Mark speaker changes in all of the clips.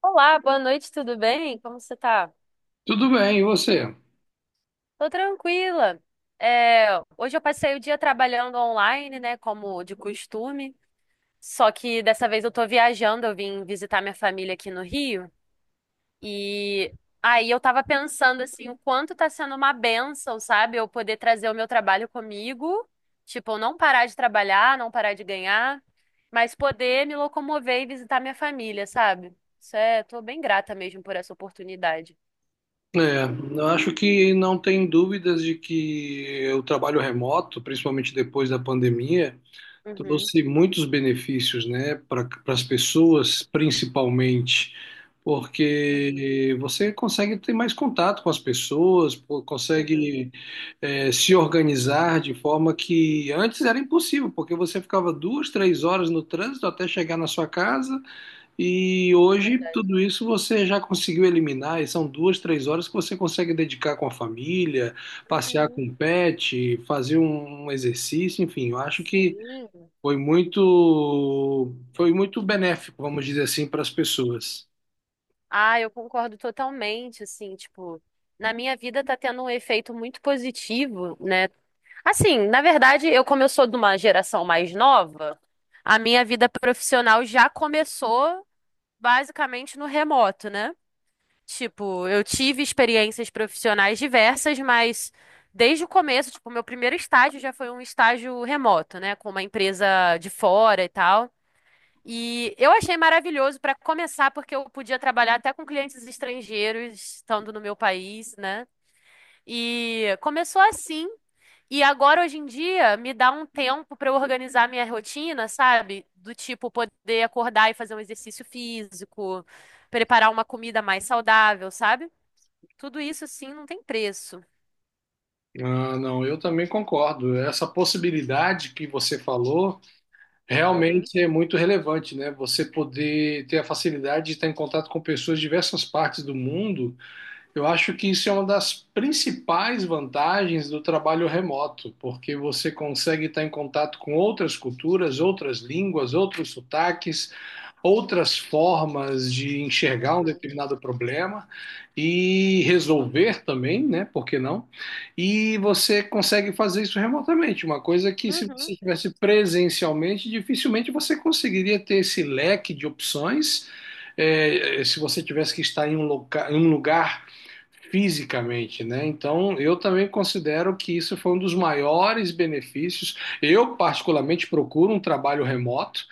Speaker 1: Olá, boa noite, tudo bem? Como você tá?
Speaker 2: Tudo bem, e você?
Speaker 1: Tô tranquila. É, Hoje eu passei o dia trabalhando online, né, como de costume. Só que dessa vez eu tô viajando, eu vim visitar minha família aqui no Rio. E aí eu tava pensando assim, o quanto tá sendo uma bênção, sabe? Eu poder trazer o meu trabalho comigo, tipo, eu não parar de trabalhar, não parar de ganhar, mas poder me locomover e visitar minha família, sabe? Isso é, tô bem grata mesmo por essa oportunidade.
Speaker 2: É, eu acho que não tem dúvidas de que o trabalho remoto, principalmente depois da pandemia,
Speaker 1: Uhum.
Speaker 2: trouxe muitos benefícios, né, para as pessoas, principalmente,
Speaker 1: Uhum,
Speaker 2: porque você consegue ter mais contato com as pessoas, pô,
Speaker 1: uhum,
Speaker 2: consegue, se organizar de forma que antes era impossível, porque você ficava duas, três horas no trânsito até chegar na sua casa. E hoje,
Speaker 1: verdade.
Speaker 2: tudo isso você já conseguiu eliminar, e são duas, três horas que você consegue dedicar com a família, passear
Speaker 1: Uhum,
Speaker 2: com o pet, fazer um exercício, enfim, eu acho que
Speaker 1: sim.
Speaker 2: foi muito benéfico, vamos dizer assim, para as pessoas.
Speaker 1: Ah, eu concordo totalmente, assim, tipo, na minha vida tá tendo um efeito muito positivo, né? Assim, na verdade, eu como eu sou de uma geração mais nova, a minha vida profissional já começou basicamente no remoto, né? Tipo, eu tive experiências profissionais diversas, mas desde o começo, tipo, meu primeiro estágio já foi um estágio remoto, né, com uma empresa de fora e tal. E eu achei maravilhoso para começar, porque eu podia trabalhar até com clientes estrangeiros, estando no meu país, né? E começou assim. E agora, hoje em dia, me dá um tempo para eu organizar minha rotina, sabe? Do tipo, poder acordar e fazer um exercício físico, preparar uma comida mais saudável, sabe? Tudo isso, sim, não tem preço.
Speaker 2: Ah, não, eu também concordo. Essa possibilidade que você falou
Speaker 1: Uhum,
Speaker 2: realmente é muito relevante, né? Você poder ter a facilidade de estar em contato com pessoas de diversas partes do mundo. Eu acho que isso é uma das principais vantagens do trabalho remoto, porque você consegue estar em contato com outras culturas, outras línguas, outros sotaques, outras formas de enxergar um
Speaker 1: uhum,
Speaker 2: determinado problema e resolver também, né? Por que não? E você consegue fazer isso remotamente, uma coisa que se você
Speaker 1: uhum,
Speaker 2: estivesse presencialmente, dificilmente você conseguiria ter esse leque de opções. É, se você tivesse que estar em em um lugar fisicamente, né? Então, eu também considero que isso foi um dos maiores benefícios. Eu, particularmente, procuro um trabalho remoto,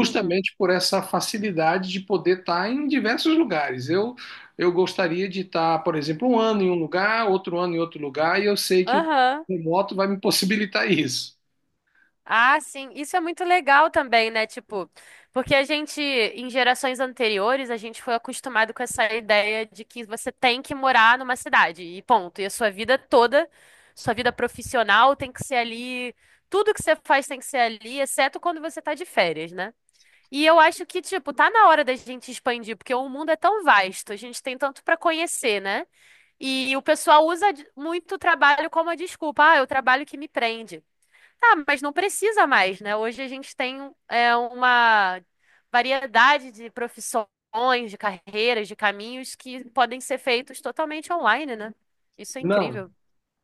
Speaker 1: uhum,
Speaker 2: por essa facilidade de poder estar em diversos lugares. Eu gostaria de estar, por exemplo, um ano em
Speaker 1: uhum.
Speaker 2: um lugar, outro ano em outro lugar, e eu sei que o
Speaker 1: Aham.
Speaker 2: remoto vai me possibilitar isso.
Speaker 1: Ah, sim, isso é muito legal também, né? Tipo, porque a gente, em gerações anteriores, a gente foi acostumado com essa ideia de que você tem que morar numa cidade e ponto. E a sua vida toda, sua vida profissional tem que ser ali, tudo que você faz tem que ser ali, exceto quando você tá de férias, né? E eu acho que, tipo, tá na hora da gente expandir, porque o mundo é tão vasto, a gente tem tanto pra conhecer, né? E o pessoal usa muito o trabalho como a desculpa, ah, é o trabalho que me prende. Tá, mas não precisa mais, né? Hoje a gente tem uma variedade de profissões, de carreiras, de caminhos que podem ser feitos totalmente online, né? Isso é
Speaker 2: Não.
Speaker 1: incrível.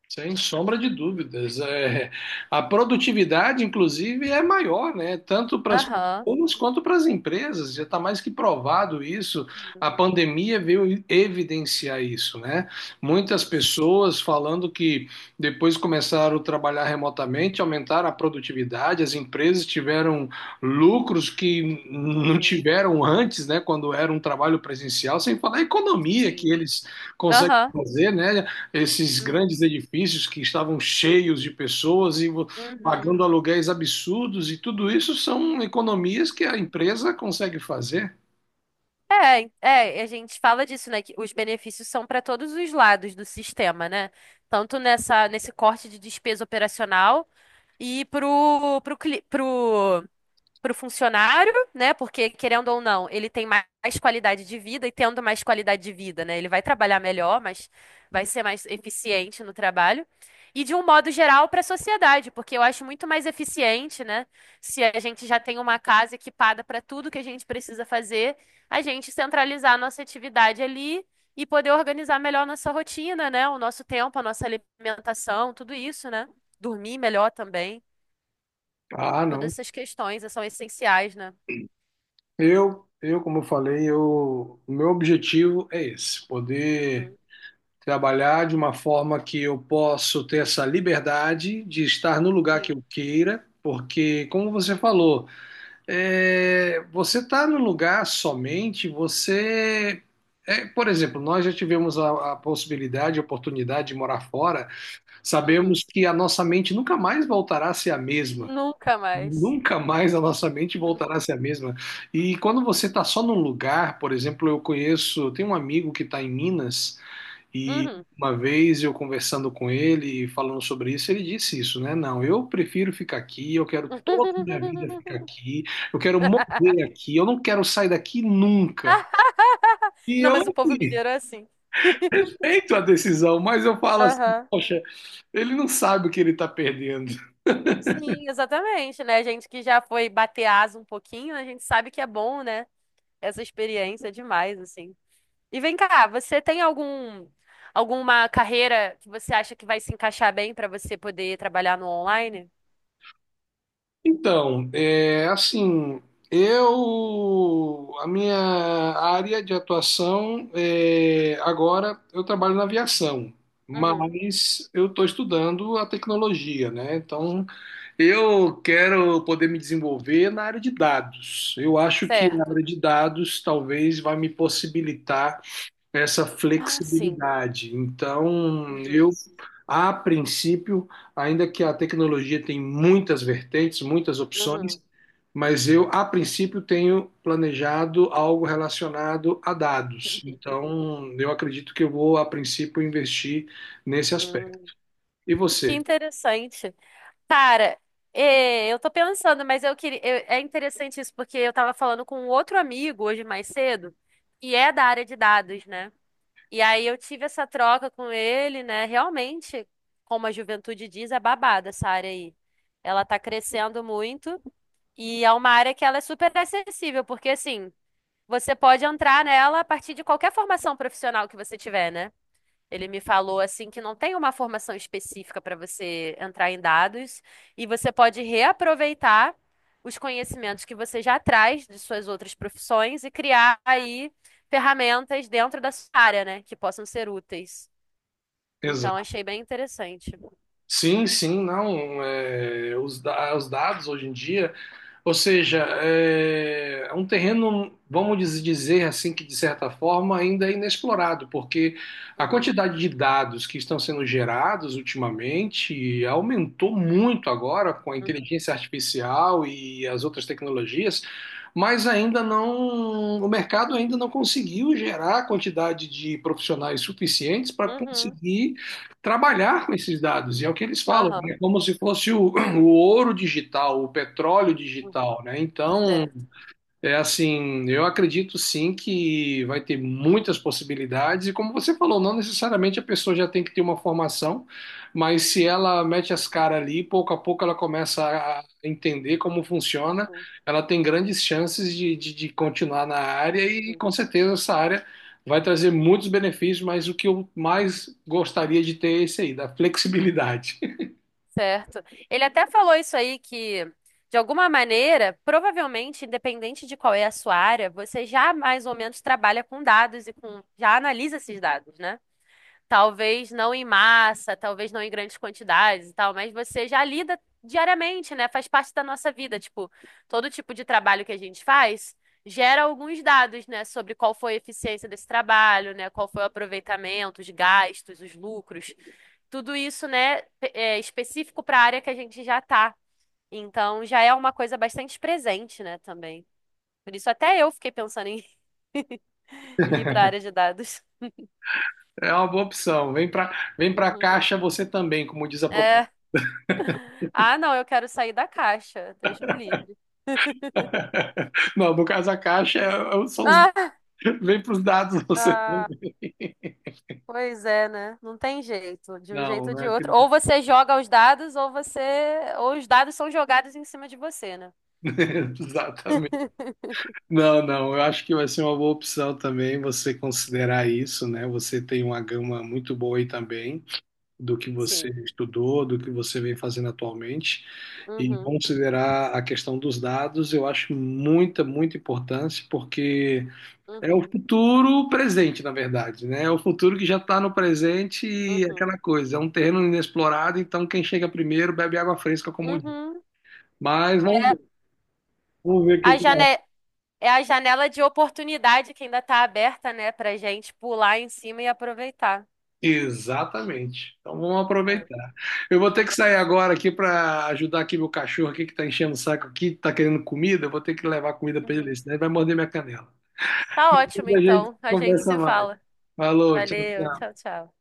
Speaker 2: Sem sombra de dúvidas. A produtividade, inclusive, é maior, né? Tanto para as
Speaker 1: Aham.
Speaker 2: pessoas quanto para as empresas. Já está mais que provado isso. A pandemia veio evidenciar isso, né? Muitas pessoas falando que depois começaram a trabalhar remotamente, aumentaram a produtividade, as empresas tiveram lucros que não
Speaker 1: Uhum.
Speaker 2: tiveram antes, né? Quando era um trabalho presencial, sem falar a economia que
Speaker 1: Sim.
Speaker 2: eles conseguem
Speaker 1: Aham.
Speaker 2: fazer, né? Esses
Speaker 1: Uhum.
Speaker 2: grandes edifícios que estavam cheios de pessoas e
Speaker 1: Uhum.
Speaker 2: pagando aluguéis absurdos, e tudo isso são economias que a empresa consegue fazer.
Speaker 1: É, é, a gente fala disso, né? Que os benefícios são para todos os lados do sistema, né? Tanto nesse corte de despesa operacional e pro, pro, cli- pro para o funcionário, né? Porque, querendo ou não, ele tem mais qualidade de vida e tendo mais qualidade de vida, né? Ele vai trabalhar melhor, mas vai ser mais eficiente no trabalho. E de um modo geral para a sociedade, porque eu acho muito mais eficiente, né? Se a gente já tem uma casa equipada para tudo que a gente precisa fazer, a gente centralizar a nossa atividade ali e poder organizar melhor a nossa rotina, né? O nosso tempo, a nossa alimentação, tudo isso, né? Dormir melhor também.
Speaker 2: Ah,
Speaker 1: Todas
Speaker 2: não.
Speaker 1: essas questões são essenciais, né?
Speaker 2: Como eu falei, eu, o meu objetivo é esse, poder trabalhar de uma forma que eu possa ter essa liberdade de estar no lugar que
Speaker 1: Sim.
Speaker 2: eu queira, porque, como você falou, você está no lugar somente, você. É, por exemplo, nós já tivemos a possibilidade, a oportunidade de morar fora,
Speaker 1: Uhum.
Speaker 2: sabemos que a nossa mente nunca mais voltará a ser a mesma.
Speaker 1: Nunca mais.
Speaker 2: Nunca mais a nossa mente voltará a ser a mesma. E quando você está só num lugar, por exemplo, eu conheço, tem um amigo que está em Minas. E
Speaker 1: Uhum.
Speaker 2: uma vez eu conversando com ele e falando sobre isso, ele disse isso, né? Não, eu prefiro ficar aqui, eu quero toda a minha vida ficar aqui, eu quero morrer aqui, eu não quero sair daqui nunca. E
Speaker 1: Não,
Speaker 2: eu
Speaker 1: mas o povo
Speaker 2: assim,
Speaker 1: mineiro é assim.
Speaker 2: respeito a decisão, mas eu falo assim,
Speaker 1: Aham.
Speaker 2: poxa, ele não sabe o que ele está perdendo.
Speaker 1: Sim, exatamente, né? A gente que já foi bater asa um pouquinho, a gente sabe que é bom, né? Essa experiência é demais, assim. E vem cá, você tem alguma carreira que você acha que vai se encaixar bem para você poder trabalhar no online?
Speaker 2: Então, é, assim, eu, a minha área de atuação é, agora eu trabalho na aviação,
Speaker 1: Uhum,
Speaker 2: mas eu estou estudando a tecnologia, né? Então, eu quero poder me desenvolver na área de dados. Eu acho que a área
Speaker 1: certo.
Speaker 2: de dados talvez vai me possibilitar essa
Speaker 1: Ah, sim.
Speaker 2: flexibilidade. Então, eu,
Speaker 1: Uhum,
Speaker 2: a princípio, ainda que a tecnologia tem muitas vertentes, muitas opções,
Speaker 1: uhum.
Speaker 2: mas eu, a princípio, tenho planejado algo relacionado a dados. Então, eu acredito que eu vou, a princípio, investir nesse aspecto.
Speaker 1: Hum,
Speaker 2: E
Speaker 1: que
Speaker 2: você?
Speaker 1: interessante. Cara, eu tô pensando, mas eu queria, é interessante isso, porque eu tava falando com um outro amigo hoje mais cedo, que é da área de dados, né? E aí eu tive essa troca com ele, né? Realmente, como a juventude diz, é babada essa área aí. Ela tá crescendo muito e é uma área que ela é super acessível, porque assim, você pode entrar nela a partir de qualquer formação profissional que você tiver, né? Ele me falou assim que não tem uma formação específica para você entrar em dados e você pode reaproveitar os conhecimentos que você já traz de suas outras profissões e criar aí ferramentas dentro da sua área, né, que possam ser úteis. Então
Speaker 2: Exato.
Speaker 1: achei bem interessante.
Speaker 2: Sim, sim, não. Os dados hoje em dia, ou seja, é um terreno, dizer assim, que de certa forma ainda é inexplorado, porque a
Speaker 1: Uhum,
Speaker 2: quantidade de dados que estão sendo gerados ultimamente aumentou muito agora com a
Speaker 1: uhum,
Speaker 2: inteligência artificial e as outras tecnologias, mas ainda não, o mercado ainda não conseguiu gerar a quantidade de profissionais suficientes para
Speaker 1: uhum,
Speaker 2: conseguir trabalhar com esses dados, e é o que eles falam,
Speaker 1: aham,
Speaker 2: é como se fosse o ouro digital, o petróleo
Speaker 1: uhum,
Speaker 2: digital, né? Então,
Speaker 1: certo.
Speaker 2: é assim, eu acredito sim que vai ter muitas possibilidades, e como você falou, não necessariamente a pessoa já tem que ter uma formação, mas se ela mete as caras ali, pouco a pouco ela começa a entender como funciona,
Speaker 1: Uhum,
Speaker 2: ela tem grandes chances de continuar na área e
Speaker 1: uhum.
Speaker 2: com certeza essa área vai trazer muitos benefícios, mas o que eu mais gostaria de ter é esse aí, da flexibilidade.
Speaker 1: Certo. Ele até falou isso aí que, de alguma maneira, provavelmente, independente de qual é a sua área, você já mais ou menos trabalha com dados e já analisa esses dados, né? Talvez não em massa, talvez não em grandes quantidades e tal, mas você já lida diariamente, né? Faz parte da nossa vida. Tipo, todo tipo de trabalho que a gente faz gera alguns dados, né? Sobre qual foi a eficiência desse trabalho, né? Qual foi o aproveitamento, os gastos, os lucros. Tudo isso, né? É específico para a área que a gente já tá. Então, já é uma coisa bastante presente, né? Também. Por isso, até eu fiquei pensando em em ir para a área de dados.
Speaker 2: É uma boa opção. Vem para a
Speaker 1: Uhum.
Speaker 2: caixa você também, como diz a proposta.
Speaker 1: É. Ah, não, eu quero sair da caixa. Deus me livre.
Speaker 2: Não, no caso a caixa são vem para os dados você
Speaker 1: Ah,
Speaker 2: também.
Speaker 1: ah, pois é, né? Não tem jeito. De um jeito
Speaker 2: Não,
Speaker 1: ou
Speaker 2: não
Speaker 1: de outro. Ou
Speaker 2: acredito.
Speaker 1: você joga os dados, ou você. Ou os dados são jogados em cima de você, né?
Speaker 2: Exatamente. Não, não, eu acho que vai ser uma boa opção também você considerar isso, né? Você tem uma gama muito boa aí também do que você
Speaker 1: Sim.
Speaker 2: estudou, do que você vem fazendo atualmente. E
Speaker 1: Uhum,
Speaker 2: considerar a questão dos dados, eu acho muita importância, porque é o
Speaker 1: uhum,
Speaker 2: futuro presente, na verdade, né? É o futuro que já está no presente e
Speaker 1: uhum,
Speaker 2: aquela coisa. É um terreno inexplorado, então quem chega primeiro bebe água fresca, como diz.
Speaker 1: uhum.
Speaker 2: Mas
Speaker 1: É
Speaker 2: vamos ver o
Speaker 1: A
Speaker 2: que que dá.
Speaker 1: jane... É a janela de oportunidade que ainda tá aberta, né, pra gente pular em cima e aproveitar.
Speaker 2: Exatamente. Então vamos
Speaker 1: É,
Speaker 2: aproveitar. Eu vou ter que
Speaker 1: vamos.
Speaker 2: sair agora aqui para ajudar aqui meu cachorro aqui que está enchendo o saco aqui, está querendo comida. Eu vou ter que levar comida para ele,
Speaker 1: Uhum.
Speaker 2: senão ele vai morder minha canela.
Speaker 1: Tá ótimo,
Speaker 2: Depois a gente
Speaker 1: então. A gente
Speaker 2: conversa
Speaker 1: se
Speaker 2: mais.
Speaker 1: fala.
Speaker 2: Falou, tchau,
Speaker 1: Valeu,
Speaker 2: tchau.
Speaker 1: tchau, tchau.